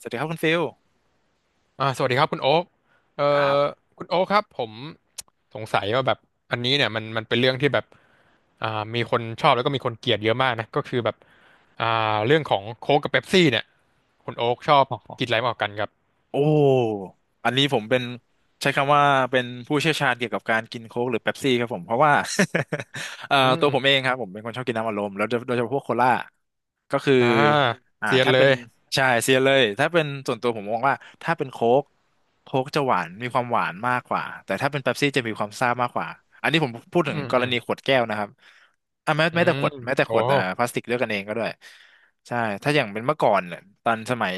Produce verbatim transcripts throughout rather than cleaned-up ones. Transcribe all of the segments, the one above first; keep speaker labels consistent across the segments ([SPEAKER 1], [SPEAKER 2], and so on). [SPEAKER 1] สวัสดีครับคุณฟิล
[SPEAKER 2] อ่าสวัสดีครับคุณโอ๊คเอ่
[SPEAKER 1] ครับ
[SPEAKER 2] อคุณโอ๊คครับผมสงสัยว่าแบบอันนี้เนี่ยมันมันเป็นเรื่องที่แบบอ่ามีคนชอบแล้วก็มีคนเกลียดเยอะมากนะก็คือแบบอ่าเรื่องของโค้กกับเป๊ปซี่เนี่ยคุณโอ๊คชอบ
[SPEAKER 1] อ๋
[SPEAKER 2] กินอะ
[SPEAKER 1] อ
[SPEAKER 2] ไรมากกว่ากันครับ
[SPEAKER 1] โอ้อันนี้ผมเป็นใช้คำว่าเป็นผู้เชี่ยวชาญเกี่ยวกับการกินโค้กหรือเป๊ปซี่ครับผมเพราะว่า เอ่อ
[SPEAKER 2] อื
[SPEAKER 1] ตัวผ
[SPEAKER 2] ม
[SPEAKER 1] มเองครับผมเป็นคนชอบกินน้ำอัดลมแล้วโดยโดยเฉพาะพวกโคล่าก็คือ
[SPEAKER 2] อ่า
[SPEAKER 1] อ่า
[SPEAKER 2] เซียน
[SPEAKER 1] ถ้า
[SPEAKER 2] เล
[SPEAKER 1] เป็น
[SPEAKER 2] ย
[SPEAKER 1] ใช่เซียนเลยถ้าเป็นส่วนตัวผมมองว่าถ้าเป็นโค้กโค้กจะหวานมีความหวานมากกว่าแต่ถ้าเป็นเป๊ปซี่จะมีความซ่ามากกว่าอันนี้ผมพูด
[SPEAKER 2] อื
[SPEAKER 1] ถึง
[SPEAKER 2] ม
[SPEAKER 1] กร
[SPEAKER 2] อืม
[SPEAKER 1] ณีขวดแก้วนะครับอ่ะแม้
[SPEAKER 2] อื
[SPEAKER 1] แม้แต่
[SPEAKER 2] ม
[SPEAKER 1] ขวดแม้แต่ข
[SPEAKER 2] โอ้
[SPEAKER 1] วดเอ่อพลาสติกด้วยกันเองก็ด้วย ใช่ถ้าอย่างเป็นเมื่อก่อนเนี่ยตอนสมัย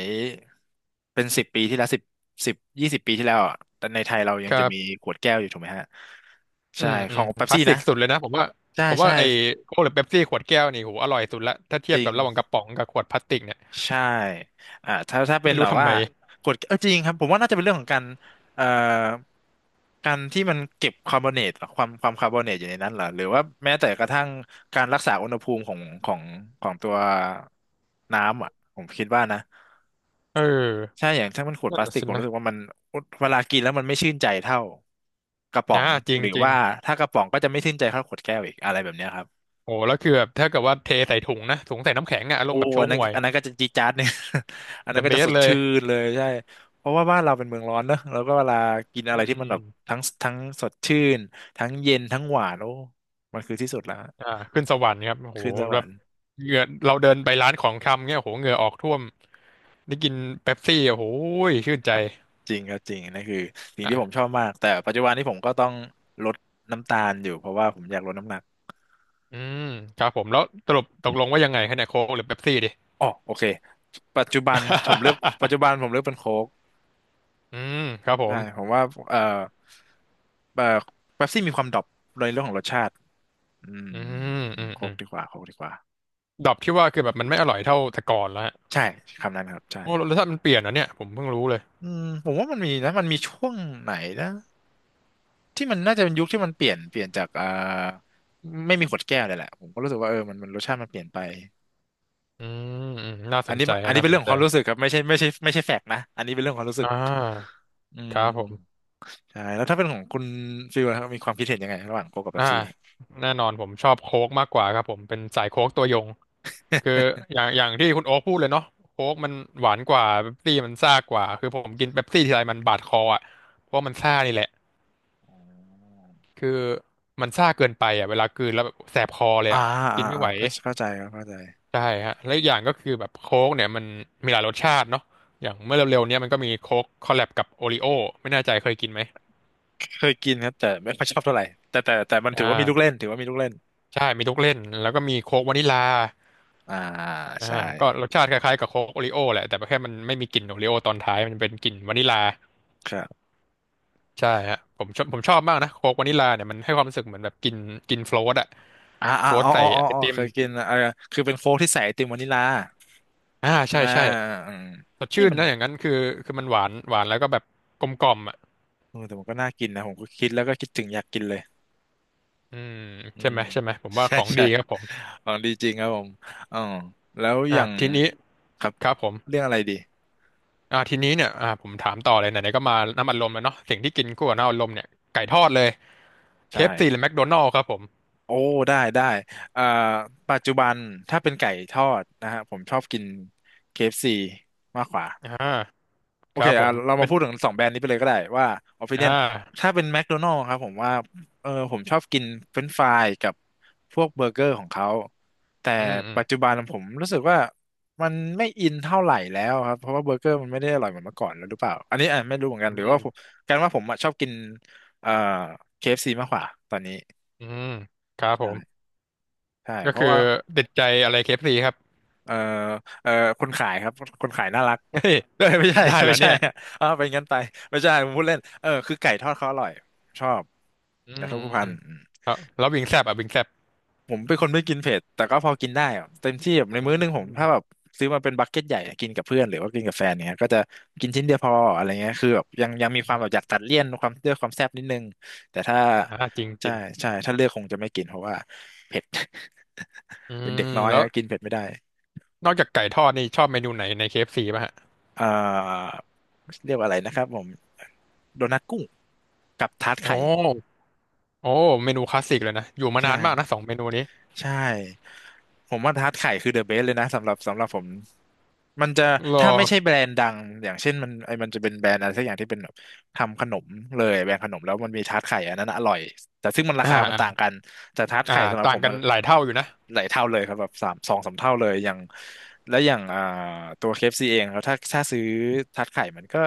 [SPEAKER 1] เป็นสิบปีที่แล้วสิบสิบยี่สิบปีที่แล้วอ่ะแต่ในไทยเรายั
[SPEAKER 2] ค
[SPEAKER 1] ง
[SPEAKER 2] รั
[SPEAKER 1] จะมี
[SPEAKER 2] บ
[SPEAKER 1] ขวดแก้วอยู่ถูกไหมฮะ
[SPEAKER 2] อื
[SPEAKER 1] ใช่
[SPEAKER 2] ม
[SPEAKER 1] ข
[SPEAKER 2] อื
[SPEAKER 1] อ
[SPEAKER 2] ม
[SPEAKER 1] งเป๊ป
[SPEAKER 2] คลา
[SPEAKER 1] ซี่
[SPEAKER 2] สสิ
[SPEAKER 1] นะ
[SPEAKER 2] กสุดเลยนะผมว่า
[SPEAKER 1] ใช่
[SPEAKER 2] ผมว่า
[SPEAKER 1] ใช่
[SPEAKER 2] ไอ้โค้กหรือเป๊ปซี่ขวดแก้วนี่โหอร่อยสุดละถ้าเที
[SPEAKER 1] จ
[SPEAKER 2] ยบ
[SPEAKER 1] ริ
[SPEAKER 2] กั
[SPEAKER 1] ง
[SPEAKER 2] บระหว่างกระป๋องกับขวดพลาสติกเนี่ย
[SPEAKER 1] ใช่อ่าถ้าถ้าเป็น
[SPEAKER 2] ไม่
[SPEAKER 1] แบ
[SPEAKER 2] รู้
[SPEAKER 1] บ
[SPEAKER 2] ทำ
[SPEAKER 1] ว่า
[SPEAKER 2] ไม
[SPEAKER 1] กดเออจริงครับผมว่าน่าจะเป็นเรื่องของการเอ่อการที่มันเก็บคาร์บอเนตความความคาร์บอเนตอยู่ในนั้นเหรอ หรือว่าแม้แต่กระทั่งการรักษาอุณหภูมิของของของตัวน้ำอ่ะผมคิดว่านะ
[SPEAKER 2] เอ
[SPEAKER 1] ใช่
[SPEAKER 2] อ
[SPEAKER 1] อย่างถ้ามันขวดพ
[SPEAKER 2] นั่น
[SPEAKER 1] ลาส
[SPEAKER 2] น่ะ
[SPEAKER 1] ติก
[SPEAKER 2] สิ
[SPEAKER 1] ผม
[SPEAKER 2] นะ
[SPEAKER 1] รู้สึกว่ามันเวลากินแล้วมันไม่ชื่นใจเท่ากระป๋อ
[SPEAKER 2] อ่า
[SPEAKER 1] ง
[SPEAKER 2] จริ
[SPEAKER 1] ห
[SPEAKER 2] ง
[SPEAKER 1] รือ
[SPEAKER 2] จริง
[SPEAKER 1] ว่าถ้ากระป๋องก็จะไม่ชื่นใจเท่าขวดแก้วอีกอะไรแบบเนี้ยครับ
[SPEAKER 2] โอ้แล้วคือแบบถ้าเกิดว่าเทใส่ถุงนะถุงใส่น้ำแข็งอะอาร
[SPEAKER 1] โอ้
[SPEAKER 2] มณ์แบบโช
[SPEAKER 1] อันนั้น
[SPEAKER 2] ห่วย
[SPEAKER 1] อันนั้นก็จะจี๊ดจ๊าดเนี่ย อันนั้น
[SPEAKER 2] The
[SPEAKER 1] ก็จะส
[SPEAKER 2] best
[SPEAKER 1] ด
[SPEAKER 2] เลย
[SPEAKER 1] ชื่นเลยใช่เพราะว่าบ้านเราเป็นเมืองร้อนเนอะแล้วก็เวลากิน
[SPEAKER 2] อื
[SPEAKER 1] อะไร
[SPEAKER 2] ม
[SPEAKER 1] ที่มัน
[SPEAKER 2] อื
[SPEAKER 1] แบ
[SPEAKER 2] ม
[SPEAKER 1] บทั้งทั้งสดชื่นทั้งเย็นทั้งหวานโอ้มันคือที่สุดแล้ว
[SPEAKER 2] อ่าขึ้นสวรรค์ครับโอ้โห
[SPEAKER 1] ขึ้นสว
[SPEAKER 2] แบ
[SPEAKER 1] ร
[SPEAKER 2] บ
[SPEAKER 1] รค์
[SPEAKER 2] เหงื่อเราเดินไปร้านของชำเนี่ยโอ้โหเหงื่อออกท่วมได้กินเป๊ปซี่โอ้โหชื่น ใจ
[SPEAKER 1] ฮะจริงครับจริงนั่นคือสิ่งที่ผมช
[SPEAKER 2] อ่ะ
[SPEAKER 1] อบมากแต่ปัจจุบันนี้ผมก็ต้องลดน้ำตาลอยู่เพราะว่าผมอยากลดน้ำหนัก
[SPEAKER 2] อืมครับผมแล้วสรุปตกลงว่ายังไงคะเนี่ยโค้กหรือเป๊ปซี่ดิ
[SPEAKER 1] อ๋อโอเคปัจจุบันผมเลือกปัจจุ บันผมเลือกเป็นโค้ก
[SPEAKER 2] อืมครับผ
[SPEAKER 1] ใช่
[SPEAKER 2] ม
[SPEAKER 1] ผมว่าเอ่อเอ่อเป๊ปซี่มีความดรอปในเรื่องของรสชาติอืม
[SPEAKER 2] อื
[SPEAKER 1] อืม
[SPEAKER 2] ม
[SPEAKER 1] อื
[SPEAKER 2] อื
[SPEAKER 1] ม
[SPEAKER 2] ม
[SPEAKER 1] โค้
[SPEAKER 2] อื
[SPEAKER 1] ก
[SPEAKER 2] ม
[SPEAKER 1] ดีกว่าโค้กดีกว่า
[SPEAKER 2] ดรอปที่ว่าคือแบบมันไม่อร่อยเท่าแต่ก่อนแล้วฮะ
[SPEAKER 1] ใช่คำนั้นครับใช่
[SPEAKER 2] โอ้รสชาติมันเปลี่ยนเหรอเนี่ยผมเพิ่งรู้เลย
[SPEAKER 1] อืมผมว่ามันมีนะมันมีช่วงไหนนะที่มันน่าจะเป็นยุคที่มันเปลี่ยนเปลี่ยนจากเอ่อไม่มีขวดแก้วเลยแหละผมก็รู้สึกว่าเออมันมันรสชาติมันเปลี่ยนไป
[SPEAKER 2] อืมอืมน่าส
[SPEAKER 1] อัน
[SPEAKER 2] น
[SPEAKER 1] นี้
[SPEAKER 2] ใจ
[SPEAKER 1] อั
[SPEAKER 2] ฮะ
[SPEAKER 1] นนี้
[SPEAKER 2] น่า
[SPEAKER 1] เป็น
[SPEAKER 2] ส
[SPEAKER 1] เรื่
[SPEAKER 2] น
[SPEAKER 1] องขอ
[SPEAKER 2] ใจ
[SPEAKER 1] งความรู้สึกครับไม่ใช่ไม่ใช่ไม่ใช่แฟกต์นะอันนี้เป็นเรื่องของความรู้สึ
[SPEAKER 2] อ่า
[SPEAKER 1] กอื
[SPEAKER 2] ครับผ
[SPEAKER 1] ม
[SPEAKER 2] ม
[SPEAKER 1] ใช่แล้วถ้าเป็นของคุณฟิลนะครับมีความคิดเห็นยังไงระหว่างโค้กกับเป๊ป
[SPEAKER 2] อ่า
[SPEAKER 1] ซี่
[SPEAKER 2] แน่นอนผมชอบโค้กมากกว่าครับผมเป็นสายโค้กตัวยงคืออย่างอย่างที่คุณโอ๊คพูดเลยเนาะโค้กมันหวานกว่าเป๊ปซี่มันซ่ากว่าคือผมกินเป๊ปซี่ทีไรมันบาดคออ่ะเพราะมันซ่านี่แหละคือมันซ่าเกินไปอ่ะเวลากลืนแล้วแบบแสบคอเลย
[SPEAKER 1] อ่า
[SPEAKER 2] อ่ะกิ
[SPEAKER 1] อ่า
[SPEAKER 2] นไม่
[SPEAKER 1] อ่า
[SPEAKER 2] ไห
[SPEAKER 1] อ
[SPEAKER 2] ว
[SPEAKER 1] เข้าเข้าใจครับเข้าใจ
[SPEAKER 2] ใช่ฮะแล้วอกอย่างก็คือแบบโค้กเนี่ยมันมีหลายรสชาติเนาะอย่างเมื่อเร็วๆเนี้ยมันก็มีโค้กคอลแลบกับโอริโอไม่แน่ใจเคยกินไหม
[SPEAKER 1] เคยกินครับแต่ไม่ค่อยชอบเท่าไหร่แต่แต่แต่มันถือ
[SPEAKER 2] อ่า
[SPEAKER 1] ว่ามีลูกเล่นถือว่ามีลูกเล่น
[SPEAKER 2] ใช่มีทุกเล่นแล้วก็มีโค้กวานิลา
[SPEAKER 1] อ่า
[SPEAKER 2] อ่า
[SPEAKER 1] ใช่
[SPEAKER 2] ก็รสชาติคล้ายๆกับโค้กโอริโอแหละแต่แค่มันไม่มีกลิ่นโอริโอตอนท้ายมันเป็นกลิ่นวานิลลา
[SPEAKER 1] ครับ
[SPEAKER 2] ใช่ฮะผมชอบผมชอบมากนะโค้กวานิลลาเนี่ยมันให้ความรู้สึกเหมือนแบบกินกินโฟลตอะ
[SPEAKER 1] อ่า
[SPEAKER 2] โฟ
[SPEAKER 1] อ่า
[SPEAKER 2] ลต
[SPEAKER 1] อ๋อ
[SPEAKER 2] ใส่
[SPEAKER 1] อ๋ออ๋อ
[SPEAKER 2] ไอ
[SPEAKER 1] อ๋อ
[SPEAKER 2] ติม
[SPEAKER 1] เคยกินอ่าคือเป็นโค้กที่ใส่ไอติมวานิลลา
[SPEAKER 2] อ่า
[SPEAKER 1] ใช่
[SPEAKER 2] ใช่
[SPEAKER 1] ไหม
[SPEAKER 2] ใช่
[SPEAKER 1] เออเออเออ
[SPEAKER 2] สด
[SPEAKER 1] เอ๊ะ
[SPEAKER 2] ชื่น
[SPEAKER 1] มัน
[SPEAKER 2] นะอย่างนั้นคือคือมันหวานหวานแล้วก็แบบกลมกล่อมอ่ะ
[SPEAKER 1] เออแต่มันก็น่ากินนะผมก็คิดแล้วก็คิดถึงอยากกินเลย
[SPEAKER 2] อืม
[SPEAKER 1] อื
[SPEAKER 2] ใช่
[SPEAKER 1] ม
[SPEAKER 2] ไหมใช่ไหมผม ว่าข
[SPEAKER 1] ใช่
[SPEAKER 2] อง
[SPEAKER 1] ใช่
[SPEAKER 2] ดีครับผม
[SPEAKER 1] ของดีจริงครับผมอ๋อแล้วอ
[SPEAKER 2] อ่า
[SPEAKER 1] ย่าง
[SPEAKER 2] ทีนี้
[SPEAKER 1] ครับ
[SPEAKER 2] ครับผม
[SPEAKER 1] เรื่องอะไรดี
[SPEAKER 2] อ่าทีนี้เนี่ยอ่าผมถามต่อเลยไหนๆก็มาน้ำอัดลมแล้วเนาะสิ่งที่กินคู่กับน้ำอัดลมเนี่ยไก่ทอดเลย
[SPEAKER 1] ใช่
[SPEAKER 2] เค เอฟ ซี หรือแมคโดนัลด์ครับผม
[SPEAKER 1] โอ้ได้ได้เอ่อปัจจุบันถ้าเป็นไก่ทอดนะฮะผมชอบกิน เค เอฟ ซี มากกว่า
[SPEAKER 2] อ่า
[SPEAKER 1] โอ
[SPEAKER 2] ครั
[SPEAKER 1] เค
[SPEAKER 2] บผ
[SPEAKER 1] อ่ะ
[SPEAKER 2] ม
[SPEAKER 1] เรามา
[SPEAKER 2] เป็น
[SPEAKER 1] พูดถึงสองแบรนด์นี้ไปเลยก็ได้ว่า
[SPEAKER 2] อ่า
[SPEAKER 1] opinion ถ้าเป็นแม d โดนัล s ครับผมว่าเออผมชอบกินเฟรนช์ฟรายกับพวกเบอร์เกอร์ของเขาแต่
[SPEAKER 2] อืมอืม
[SPEAKER 1] ปัจจุบันผมรู้สึกว่ามันไม่อินเท่าไหร่แล้วครับเพราะว่าเบอร์เกอร์มันไม่ได้อร่อยเหมือนเมื่อก่อนแล้วหรือเปล่าอันนี้อ่ะไม่รู้เหมือนกั
[SPEAKER 2] อื
[SPEAKER 1] นหรือว่าผ
[SPEAKER 2] ม
[SPEAKER 1] มกันว่าผมอ่ะชอบกินเอ่อเคเอฟซีมากกว่าตอนนี้
[SPEAKER 2] อืมครับผ
[SPEAKER 1] ใช่
[SPEAKER 2] ม
[SPEAKER 1] ใช่
[SPEAKER 2] ก็
[SPEAKER 1] เพราะ
[SPEAKER 2] คือ
[SPEAKER 1] ว่า
[SPEAKER 2] ติดใจอะไรเคเอฟ f c ครับ
[SPEAKER 1] เอ่อเอ่อคนขายครับคนขายน่ารัก
[SPEAKER 2] เฮ้ย
[SPEAKER 1] เอ้ยไม่ใช่
[SPEAKER 2] ได้แล้
[SPEAKER 1] ไม่
[SPEAKER 2] ว
[SPEAKER 1] ใช่
[SPEAKER 2] เนี่ย
[SPEAKER 1] อะอ้าวไปงั้นไปไม่ใช่ผมพูดเล่นเออคือไก่ทอดเขาอร่อยชอบ
[SPEAKER 2] อื
[SPEAKER 1] ไก่
[SPEAKER 2] ม
[SPEAKER 1] ทอด
[SPEAKER 2] อื
[SPEAKER 1] ผู้
[SPEAKER 2] ม
[SPEAKER 1] พั
[SPEAKER 2] อื
[SPEAKER 1] น
[SPEAKER 2] ม
[SPEAKER 1] อืม
[SPEAKER 2] แล้วแล้ววิงแซบอ่ะวิงแซบ
[SPEAKER 1] ผมเป็นคนไม่กินเผ็ดแต่ก็พอกินได้อะเต็มที่แบบใน
[SPEAKER 2] อื
[SPEAKER 1] มื้อหนึงผม
[SPEAKER 2] ม
[SPEAKER 1] ถ้าแบบซื้อมาเป็นบักเก็ตใหญ่อะกินกับเพื่อนหรือว่ากินกับแฟนเนี้ยก็จะกินชิ้นเดียวพออะไรเงี้ยคือแบบยังยังมีความแบ
[SPEAKER 2] อ
[SPEAKER 1] บอ
[SPEAKER 2] ม
[SPEAKER 1] ยากตัดเลี่ยนความเลือกความแซ่บนิดนึงแต่ถ้า
[SPEAKER 2] อ่าจริงจ
[SPEAKER 1] ใช่
[SPEAKER 2] ริง
[SPEAKER 1] ใช่ถ้าเลือกคงจะไม่กินเพราะว่าเผ็ด
[SPEAKER 2] อื
[SPEAKER 1] เป็น
[SPEAKER 2] ม
[SPEAKER 1] เด็กน้อย
[SPEAKER 2] แล้ว
[SPEAKER 1] ฮะกินเผ็ดไม่ได้
[SPEAKER 2] นอกจากไก่ทอดนี่ชอบเมนูไหนในเคเอฟ f c ป่ะฮะ
[SPEAKER 1] เอ่อเรียกว่าอะไรนะครับผมโดนัทกุ้งกับทาร์ต
[SPEAKER 2] โอ้
[SPEAKER 1] ไข่
[SPEAKER 2] โอ้เมนูคลาสสิกเลยนะ อยู่มานานมากนะ
[SPEAKER 1] ใช่
[SPEAKER 2] สองเมนูนี้
[SPEAKER 1] ใช่ผมว่าทาร์ตไข่คือเดอะเบสเลยนะสำหรับสำหรับผมมันจะ
[SPEAKER 2] รอ
[SPEAKER 1] ถ้าไม่ใช่แบรนด์ดังอย่างเช่นมันไอมันจะเป็นแบรนด์อะไรสักอย่างที่เป็นแบบทำขนมเลยแบรนด์ขนมแล้วมันมีทาร์ตไข่อันนั้นอร่อยแต่ซึ่งมันรา
[SPEAKER 2] อ่า
[SPEAKER 1] คามัน
[SPEAKER 2] อ่า
[SPEAKER 1] ต่างกันแต่ทาร์ต
[SPEAKER 2] อ่า
[SPEAKER 1] ไข่สำหรับ
[SPEAKER 2] ต่า
[SPEAKER 1] ผ
[SPEAKER 2] ง
[SPEAKER 1] ม
[SPEAKER 2] กั
[SPEAKER 1] มั
[SPEAKER 2] น
[SPEAKER 1] น
[SPEAKER 2] หลายเท่าอยู่นะ
[SPEAKER 1] หลายเท่าเลยครับแบบสามสองสามเท่าเลยอย่างแล้วอย่างอ่าตัวเคเอฟซีเองครับถ้าถ้าซื้อทาร์ตไข่มันก็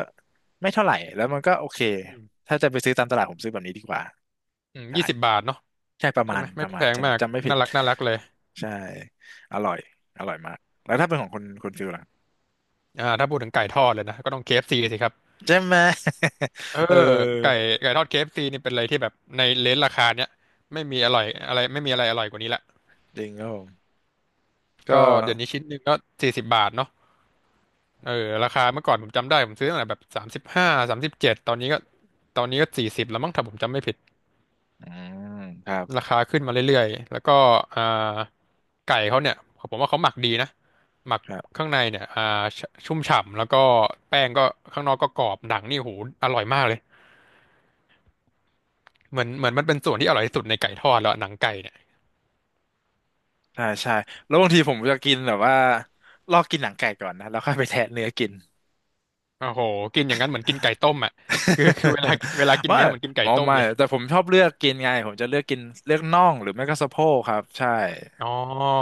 [SPEAKER 1] ไม่เท่าไหร่แล้วมันก็โอเค
[SPEAKER 2] อืม
[SPEAKER 1] ถ้าจะไปซื้อตามตลาดผมซื้อแบบนี้ดีกว่า
[SPEAKER 2] อืม
[SPEAKER 1] ใช่
[SPEAKER 2] ยี่สิบบาทเนาะ
[SPEAKER 1] ใช่ประ
[SPEAKER 2] ใช่
[SPEAKER 1] มา
[SPEAKER 2] ไห
[SPEAKER 1] ณ
[SPEAKER 2] ม
[SPEAKER 1] ป
[SPEAKER 2] ไม่
[SPEAKER 1] ระมา
[SPEAKER 2] แพ
[SPEAKER 1] ณ
[SPEAKER 2] ง
[SPEAKER 1] ใช่ผ
[SPEAKER 2] มา
[SPEAKER 1] ม
[SPEAKER 2] ก
[SPEAKER 1] จำไม่ผิด
[SPEAKER 2] น่ารักน่ารักเลย
[SPEAKER 1] ใช่อร่อยอร่อยมากแล้วถ้าเป็นของคุณคุณฟิลล่ะ
[SPEAKER 2] อ่าถ้าพูดถึงไก่ทอดเลยนะก็ต้อง เค เอฟ ซี สิครับ
[SPEAKER 1] ใช่ไหม
[SPEAKER 2] เออ
[SPEAKER 1] เอ
[SPEAKER 2] ไก่
[SPEAKER 1] อ
[SPEAKER 2] ไก่ทอด เค เอฟ ซี นี่เป็นอะไรที่แบบในเลนจ์ราคาเนี้ยไม่มีอร่อยอะไรไม่มีอะไรอร่อยกว่านี้ละ
[SPEAKER 1] จริงครับผมก็
[SPEAKER 2] ก็เดี๋ยวนี้ชิ้นหนึ่งก็สี่สิบบาทเนาะเออราคาเมื่อก่อนผมจำได้ผมซื้อตั้งแต่แบบสามสิบห้าสามสิบเจ็ดตอนนี้ก็ตอนนี้ก็สี่สิบแล้วมั้งถ้าผมจำไม่ผิด
[SPEAKER 1] อืมครับ
[SPEAKER 2] ราคาขึ้นมาเรื่อยๆแล้วก็อ่าไก่เขาเนี่ยผมว่าเขาหมักดีนะหมัก
[SPEAKER 1] ครับ
[SPEAKER 2] ข้างในเนี่ยอ่าชชุ่มฉ่ำแล้วก็แป้งก็ข้างนอกก็กรอบหนังนี่โหอร่อยมากเลยเหมือนเหมือนมันเป็นส่วนที่อร่อยที่สุดในไก่ทอดแล้วอะหนังไก่เนี่ย
[SPEAKER 1] ใช่ใช่แล้วบางทีผมจะกินแบบว่าลอกกินหนังไก่ก่อนนะแล้วค่อยไปแทะเนื้อกิน
[SPEAKER 2] โอ้โหกินอย่างนั้นเหมือนกินไก่ต้มอ่ะคือคือเวลา เวลากิน
[SPEAKER 1] ไม่
[SPEAKER 2] เนื้อเหมือนกินไก่
[SPEAKER 1] อ๋อ
[SPEAKER 2] ต้ม
[SPEAKER 1] ไม่
[SPEAKER 2] เลย
[SPEAKER 1] แต่ผมชอบเลือกกินไงผมจะเลือกกินเลือกน่องหรือไม่ก็สะโพกครับใช่
[SPEAKER 2] อ๋อ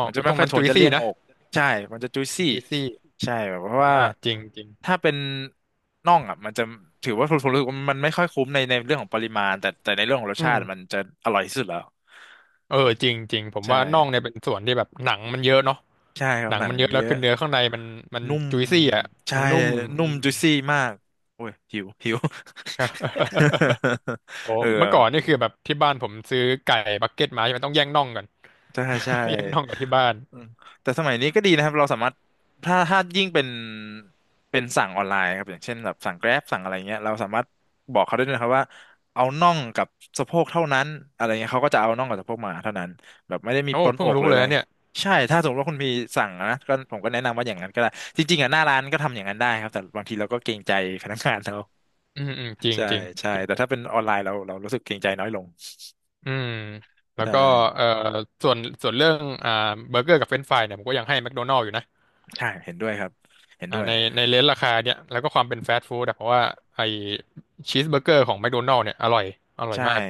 [SPEAKER 1] มันจะ
[SPEAKER 2] ต
[SPEAKER 1] ไม่
[SPEAKER 2] รง
[SPEAKER 1] ค่อย
[SPEAKER 2] นั้น
[SPEAKER 1] โท
[SPEAKER 2] จุ
[SPEAKER 1] น
[SPEAKER 2] ย
[SPEAKER 1] จะเลี่
[SPEAKER 2] ซี่
[SPEAKER 1] ยง
[SPEAKER 2] นะ
[SPEAKER 1] อกใช่ มันจะจุยซี่
[SPEAKER 2] จุยซี่
[SPEAKER 1] ใช่แบบเพราะว่า
[SPEAKER 2] อ่าจริงจริง
[SPEAKER 1] ถ้าเป็นน่องอ่ะมันจะถือว่าผมรู้สึกว่ามันไม่ค่อยคุ้มในในเรื่องของปริมาณแต่แต่ในเรื่องของรส
[SPEAKER 2] อื
[SPEAKER 1] ชา
[SPEAKER 2] ม
[SPEAKER 1] ติมันจะอร่อยที่สุดแล้ว
[SPEAKER 2] เออจริงจริงผ
[SPEAKER 1] ใ
[SPEAKER 2] มว่าน่อง
[SPEAKER 1] ช่
[SPEAKER 2] เนี่ยเป็นส่วนที่แบบหนังมันเยอะเนาะ
[SPEAKER 1] ใช่ครั
[SPEAKER 2] ห
[SPEAKER 1] บ
[SPEAKER 2] นั
[SPEAKER 1] ห
[SPEAKER 2] ง
[SPEAKER 1] นัง
[SPEAKER 2] มันเยอะ
[SPEAKER 1] เย
[SPEAKER 2] แล้ว
[SPEAKER 1] อะ
[SPEAKER 2] คือเนื้อข้างในมันมัน
[SPEAKER 1] นุ่ม
[SPEAKER 2] จุยซี่อ่ะ
[SPEAKER 1] ใช่
[SPEAKER 2] มันนุ่มอื
[SPEAKER 1] นุ่ม
[SPEAKER 2] ม
[SPEAKER 1] จุยซี่มากโอ้ยหิวหิว
[SPEAKER 2] โอ้
[SPEAKER 1] เออ
[SPEAKER 2] เมื่อก่อนนี่คือแบบที่บ้านผมซื้อไก่บักเก็ตมาใช่ไหมต้องแย่งน่องกัน
[SPEAKER 1] ใช่ใช่
[SPEAKER 2] แย่งน่องกับที่บ้าน
[SPEAKER 1] อืมแต่สมัยนี้ก็ดีนะครับเราสามารถถ้าถ้ายิ่งเป็นเป็นสั่งออนไลน์ครับอย่างเช่นแบบสั่ง Grab สั่งอะไรเงี้ยเราสามารถบอกเขาได้ด้วยนะครับว่าเอาน่องกับสะโพกเท่านั้นอะไรเงี้ยเขาก็จะเอาน่องกับสะโพกมาเท่านั้นแบบไม่ได้มี
[SPEAKER 2] โอ้
[SPEAKER 1] ปนอ
[SPEAKER 2] เพิ่ง
[SPEAKER 1] กหรื
[SPEAKER 2] รู้
[SPEAKER 1] อ
[SPEAKER 2] เลย
[SPEAKER 1] อะไร
[SPEAKER 2] นะเนี่ย
[SPEAKER 1] ใช่ถ้าสมมติว่าคุณพีสั่งนะก็ผมก็แนะนำว่าอย่างนั้นก็ได้จริงๆอ่ะหน้าร้านก็ทำอย่างนั้นได้ครับแต่บางทีเราก็เกรงใจพนักงานเรา
[SPEAKER 2] อืมอืมจริ ง
[SPEAKER 1] ใช่
[SPEAKER 2] จริง
[SPEAKER 1] ใช่
[SPEAKER 2] จริง
[SPEAKER 1] แต่ถ้าเป็นออนไลน์เราเรารู้สึกเกรงใจน้อยลง
[SPEAKER 2] อืม แล้ว
[SPEAKER 1] ใช่
[SPEAKER 2] ก็เอ่อส่วนส่วนเรื่องอ่าเบอร์เกอร์กับเฟรนช์ฟรายเนี่ยผมก็ยังให้แม d โดนัล s อยู่นะ
[SPEAKER 1] ใช่เห็นด้วยครับเห็น
[SPEAKER 2] อ่า
[SPEAKER 1] ด้วย
[SPEAKER 2] ในในเลนราคาเนี่ยแล้วก็ความเป็นฟาสต์ฟู้ดอะเพราะว่าไอชีสเบอร์เกอร์ของแม d โดนัล s เนี่ยอร่อยอร่อย
[SPEAKER 1] ใช่
[SPEAKER 2] มาก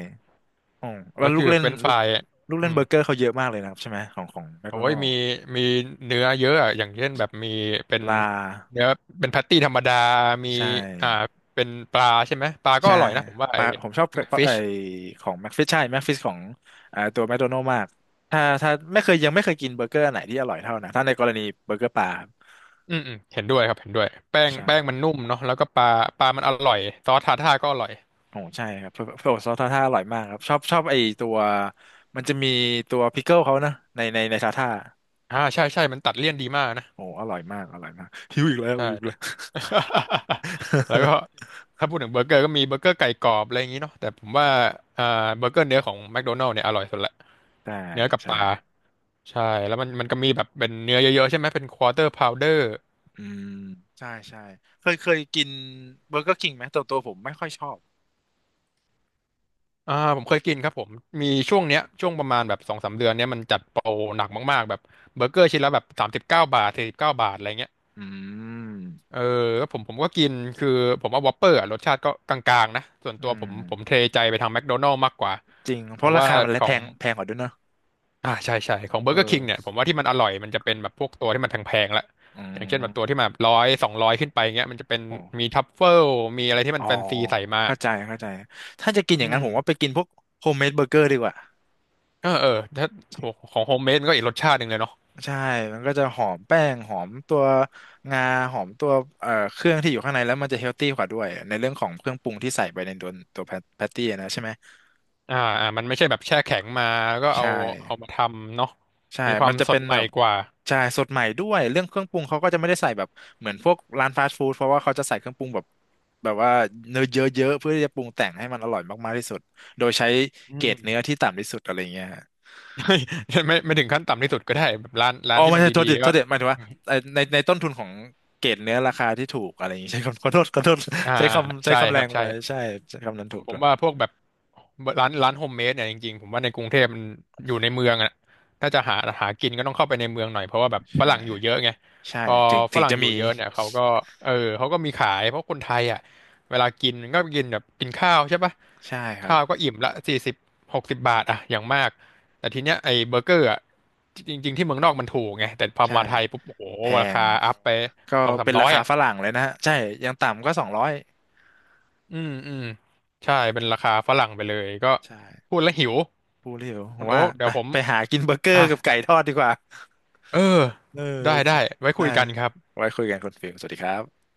[SPEAKER 1] อ๋อแล้
[SPEAKER 2] แล้
[SPEAKER 1] ว
[SPEAKER 2] ว
[SPEAKER 1] ลู
[SPEAKER 2] คื
[SPEAKER 1] ก
[SPEAKER 2] อ
[SPEAKER 1] เล่
[SPEAKER 2] เฟ
[SPEAKER 1] น
[SPEAKER 2] รนช์ฟ
[SPEAKER 1] ลูก
[SPEAKER 2] ราย
[SPEAKER 1] ลูกเล่
[SPEAKER 2] อื
[SPEAKER 1] น
[SPEAKER 2] ม
[SPEAKER 1] เบอร์เกอร์เขาเยอะมากเลยนะครับใช่ไหมของของแมค
[SPEAKER 2] โอ้
[SPEAKER 1] โด
[SPEAKER 2] ย
[SPEAKER 1] นัลด์
[SPEAKER 2] มีมีเนื้อเยอะอะอย่างเช่นแบบมีเป็น
[SPEAKER 1] ลา
[SPEAKER 2] เนื้อเป็นแพตตี้ธรรมดา มี
[SPEAKER 1] ใช่
[SPEAKER 2] อ่าเป็นปลาใช่ไหมปลาก็
[SPEAKER 1] ใช่
[SPEAKER 2] อร่อยนะผมว่า
[SPEAKER 1] ป
[SPEAKER 2] ไอ
[SPEAKER 1] ลาผมชอบ
[SPEAKER 2] แมก
[SPEAKER 1] ปลา
[SPEAKER 2] ฟิ
[SPEAKER 1] ไอ
[SPEAKER 2] ช
[SPEAKER 1] ของแม็กฟิชใช่แม็กฟิชของอ่าตัวแมคโดนัลด์มากถ้าถ้าไม่เคยยังไม่เคยกินเบอร์เกอร์อันไหนที่อร่อยเท่านะถ้าในกรณีเบอร์เกอร์ปลาครับ
[SPEAKER 2] อืมอืมเห็นด้วยครับ เห็นด้วยแป้งแป้งมัน
[SPEAKER 1] ใช่
[SPEAKER 2] นุ่มเนาะแล้วก็ปลาปลามันอร่อยซอสทาร์ทาร์ก็อร่อย
[SPEAKER 1] โอ้ใช่ครับเพื่อซอสทาท่าอร่อยมากครับชอบชอบไอตัวมันจะมีตัวพิกเกิลเขานะในในในทาท่า
[SPEAKER 2] อ่าใช่ใช่มันตัดเลี่ยนดีมากนะ
[SPEAKER 1] โอ้อร่อยมากอร่อยมากหิวอีกแล้ว
[SPEAKER 2] ใช่
[SPEAKER 1] หิวอีกแล้ว
[SPEAKER 2] แล้วก็ ถ้าพูดถึงเบอร์เกอร์ก็มีเบอร์เกอร์ไก่กรอบอะไรอย่างนี้เนาะแต่ผมว่าอ่าเบอร์เกอร์เนื้อของแมคโดนัลด์เนี่ยอร่อยสุดละ
[SPEAKER 1] ใช่
[SPEAKER 2] เนื้อกับป
[SPEAKER 1] ใช่
[SPEAKER 2] ลาใช่แล้วมันมันก็มีแบบเป็นเนื้อเยอะๆใช่ไหมเป็นควอเตอร์พาวเดอร์
[SPEAKER 1] อืมใช่ใช่เคยเคยกินเบอร์เกอร์คิงไหมตัวตัวผมไม่ค่อยชอบ
[SPEAKER 2] อ่าผมเคยกินครับผมมีช่วงเนี้ยช่วงประมาณแบบสองสามเดือนเนี้ยมันจัดโปรหนักมากๆแบบเบอร์เกอร์ชิ้นละแบบสามสิบเก้าบาทสี่สิบเก้าบาทอะไรเงี้ย
[SPEAKER 1] อื
[SPEAKER 2] เอ
[SPEAKER 1] ม
[SPEAKER 2] อแล้วผมผมก็กินคือผมว่าวอปเปอร์อะรสชาติก็กลางๆนะ ส่วน
[SPEAKER 1] อื
[SPEAKER 2] ตัวผ
[SPEAKER 1] ม
[SPEAKER 2] มผมเทใจไปทางแมคโดนัล s ์มากกว่า
[SPEAKER 1] จริงเพ
[SPEAKER 2] แต่
[SPEAKER 1] ราะรา
[SPEAKER 2] ว่า
[SPEAKER 1] คามันและ
[SPEAKER 2] ขอ
[SPEAKER 1] แพ
[SPEAKER 2] ง
[SPEAKER 1] งแพงกว่าด้วยเนอะ
[SPEAKER 2] อ่าใช่ใช่ของเบอ
[SPEAKER 1] เอ
[SPEAKER 2] ร์เกอร์คิงเนี่ย
[SPEAKER 1] อ
[SPEAKER 2] ผมว่าที่มันอร่อยมันจะเป็นแบบพวกตัวที่มันแพงๆละ
[SPEAKER 1] อื
[SPEAKER 2] อย่างเช่นแบบตัวที่
[SPEAKER 1] ม
[SPEAKER 2] มาร้อยสองร้อยขึ้นไปเงี้ยมันจะเป็น
[SPEAKER 1] โอ
[SPEAKER 2] มี
[SPEAKER 1] ้
[SPEAKER 2] ทัฟเฟิลมีอะไรที่มั
[SPEAKER 1] อ๋อ
[SPEAKER 2] นแฟนซีใส่มา
[SPEAKER 1] เข้าใจเข้าใจถ้าจะกิน
[SPEAKER 2] อื
[SPEAKER 1] อย่างนั้
[SPEAKER 2] ม
[SPEAKER 1] นผมว่าไปกินพวกโฮมเมดเบอร์เกอร์ดีกว่า
[SPEAKER 2] เออเออถ้า
[SPEAKER 1] จริง
[SPEAKER 2] ของโฮมเมดมันก็อีกรสชาติหนึ่งเลยเนาะ
[SPEAKER 1] ใช่มันก็จะหอมแป้งหอมตัวงาหอมตัวเอ่อเครื่องที่อยู่ข้างในแล้วมันจะเฮลตี้กว่าด้วยในเรื่องของเครื่องปรุงที่ใส่ไปในตัวตัวแพตตี้นะใช่ไหม
[SPEAKER 2] อ่าอ่ามันไม่ใช่แบบแช่แข็งมาแล้วก็เอา
[SPEAKER 1] ใช่
[SPEAKER 2] เอามาทำเนาะ
[SPEAKER 1] ใช่
[SPEAKER 2] มีควา
[SPEAKER 1] มั
[SPEAKER 2] ม
[SPEAKER 1] นจะ
[SPEAKER 2] ส
[SPEAKER 1] เป็
[SPEAKER 2] ด
[SPEAKER 1] น
[SPEAKER 2] ให
[SPEAKER 1] แบ
[SPEAKER 2] ม่
[SPEAKER 1] บ
[SPEAKER 2] กว่า
[SPEAKER 1] ใช่สดใหม่ด้วย เรื่องเครื่องปรุงเขาก็จะไม่ได้ใส่แบบเหมือนพวกร้านฟาสต์ฟู้ดเพราะว่าเขาจะใส่เครื่องปรุงแบบแบบว่าเนื้อเยอะๆเพื่อที่จะปรุงแต่งให้มันอร่อยมากๆที่สุดโดยใช้
[SPEAKER 2] อื
[SPEAKER 1] เกร
[SPEAKER 2] ม
[SPEAKER 1] ดเนื้อที่ต่ำที่สุดอะไรเงี้ยฮะ
[SPEAKER 2] ไม่ ไม่ไม่ถึงขั้นต่ำที่สุดก็ได้แบบร้านร้า
[SPEAKER 1] อ๋อ
[SPEAKER 2] นที่
[SPEAKER 1] ไม่
[SPEAKER 2] มัน
[SPEAKER 1] ใช่โท
[SPEAKER 2] ดี
[SPEAKER 1] ษดิ
[SPEAKER 2] ๆ
[SPEAKER 1] โท
[SPEAKER 2] ก็
[SPEAKER 1] ษดิหมายถึงว่าเอ่อในในต้นทุนของเกรดเนื้อราคาที่ถูกอะไรอย่างงี้ใช้คำขอโทษขอโทษ
[SPEAKER 2] อ่า
[SPEAKER 1] ใช้คำใช้
[SPEAKER 2] ใช่
[SPEAKER 1] คำ
[SPEAKER 2] ค
[SPEAKER 1] แร
[SPEAKER 2] รับ
[SPEAKER 1] งไป
[SPEAKER 2] ใช่
[SPEAKER 1] ใช่ใช้คำนั้น
[SPEAKER 2] ผ
[SPEAKER 1] ถู
[SPEAKER 2] ม
[SPEAKER 1] ก
[SPEAKER 2] ผ
[SPEAKER 1] ด้
[SPEAKER 2] ม
[SPEAKER 1] วย
[SPEAKER 2] ว่าพวกแบบร้านร้านโฮมเมดเนี่ยจริงๆผมว่าในกรุงเทพมันอยู่ในเมืองอ่ะถ้าจะหาหากินก็ต้องเข้าไปในเมืองหน่อยเพราะว่าแบบฝ
[SPEAKER 1] ใช่
[SPEAKER 2] รั่งอยู่เยอะไง
[SPEAKER 1] ใช่
[SPEAKER 2] พอ
[SPEAKER 1] ถึง
[SPEAKER 2] ฝ
[SPEAKER 1] ถึง
[SPEAKER 2] รั่ง
[SPEAKER 1] จะ
[SPEAKER 2] อยู่
[SPEAKER 1] มี
[SPEAKER 2] เยอะเนี่ยเขาก็เออเขาก็มีขายเพราะคนไทยอ่ะเวลากินก็กินแบบกินข้าวใช่ปะ
[SPEAKER 1] ใช่ครั
[SPEAKER 2] ข้า
[SPEAKER 1] บ
[SPEAKER 2] วก็อิ่มละสี่สิบหกสิบบาทอ่ะอย่างมากแต่ทีเนี้ยไอ้เบอร์เกอร์อ่ะจริงๆที่เมืองนอกมันถูกไงแต่พอ
[SPEAKER 1] ใช่
[SPEAKER 2] มาไทยปุ๊บโอ้โห
[SPEAKER 1] แพ
[SPEAKER 2] รา
[SPEAKER 1] ง
[SPEAKER 2] คาอัพไป
[SPEAKER 1] ก็
[SPEAKER 2] สองสาม
[SPEAKER 1] เป็น
[SPEAKER 2] ร้
[SPEAKER 1] รา
[SPEAKER 2] อย
[SPEAKER 1] คา
[SPEAKER 2] อ่ะ
[SPEAKER 1] ฝรั่งเลยนะฮะใช่ยังต่ำก็สองร้อย
[SPEAKER 2] อืมอืมใช่เป็นราคาฝรั่งไปเลยก็
[SPEAKER 1] ใช่
[SPEAKER 2] พูดแล้วหิว
[SPEAKER 1] พูดเร็วผ
[SPEAKER 2] คุ
[SPEAKER 1] ม
[SPEAKER 2] ณ
[SPEAKER 1] ว่า
[SPEAKER 2] โอ๊คเดี๋
[SPEAKER 1] ไป
[SPEAKER 2] ยวผม
[SPEAKER 1] ไปหากินเบอร์เกอร์
[SPEAKER 2] อ่ะ
[SPEAKER 1] กับไก่ทอดดีกว่า
[SPEAKER 2] เออ
[SPEAKER 1] เออ
[SPEAKER 2] ได้
[SPEAKER 1] โอเค
[SPEAKER 2] ได้ไว้คุ
[SPEAKER 1] ได้
[SPEAKER 2] ยกันครับ
[SPEAKER 1] ไว้คุยกันคุณฟิลสวัสดีครับ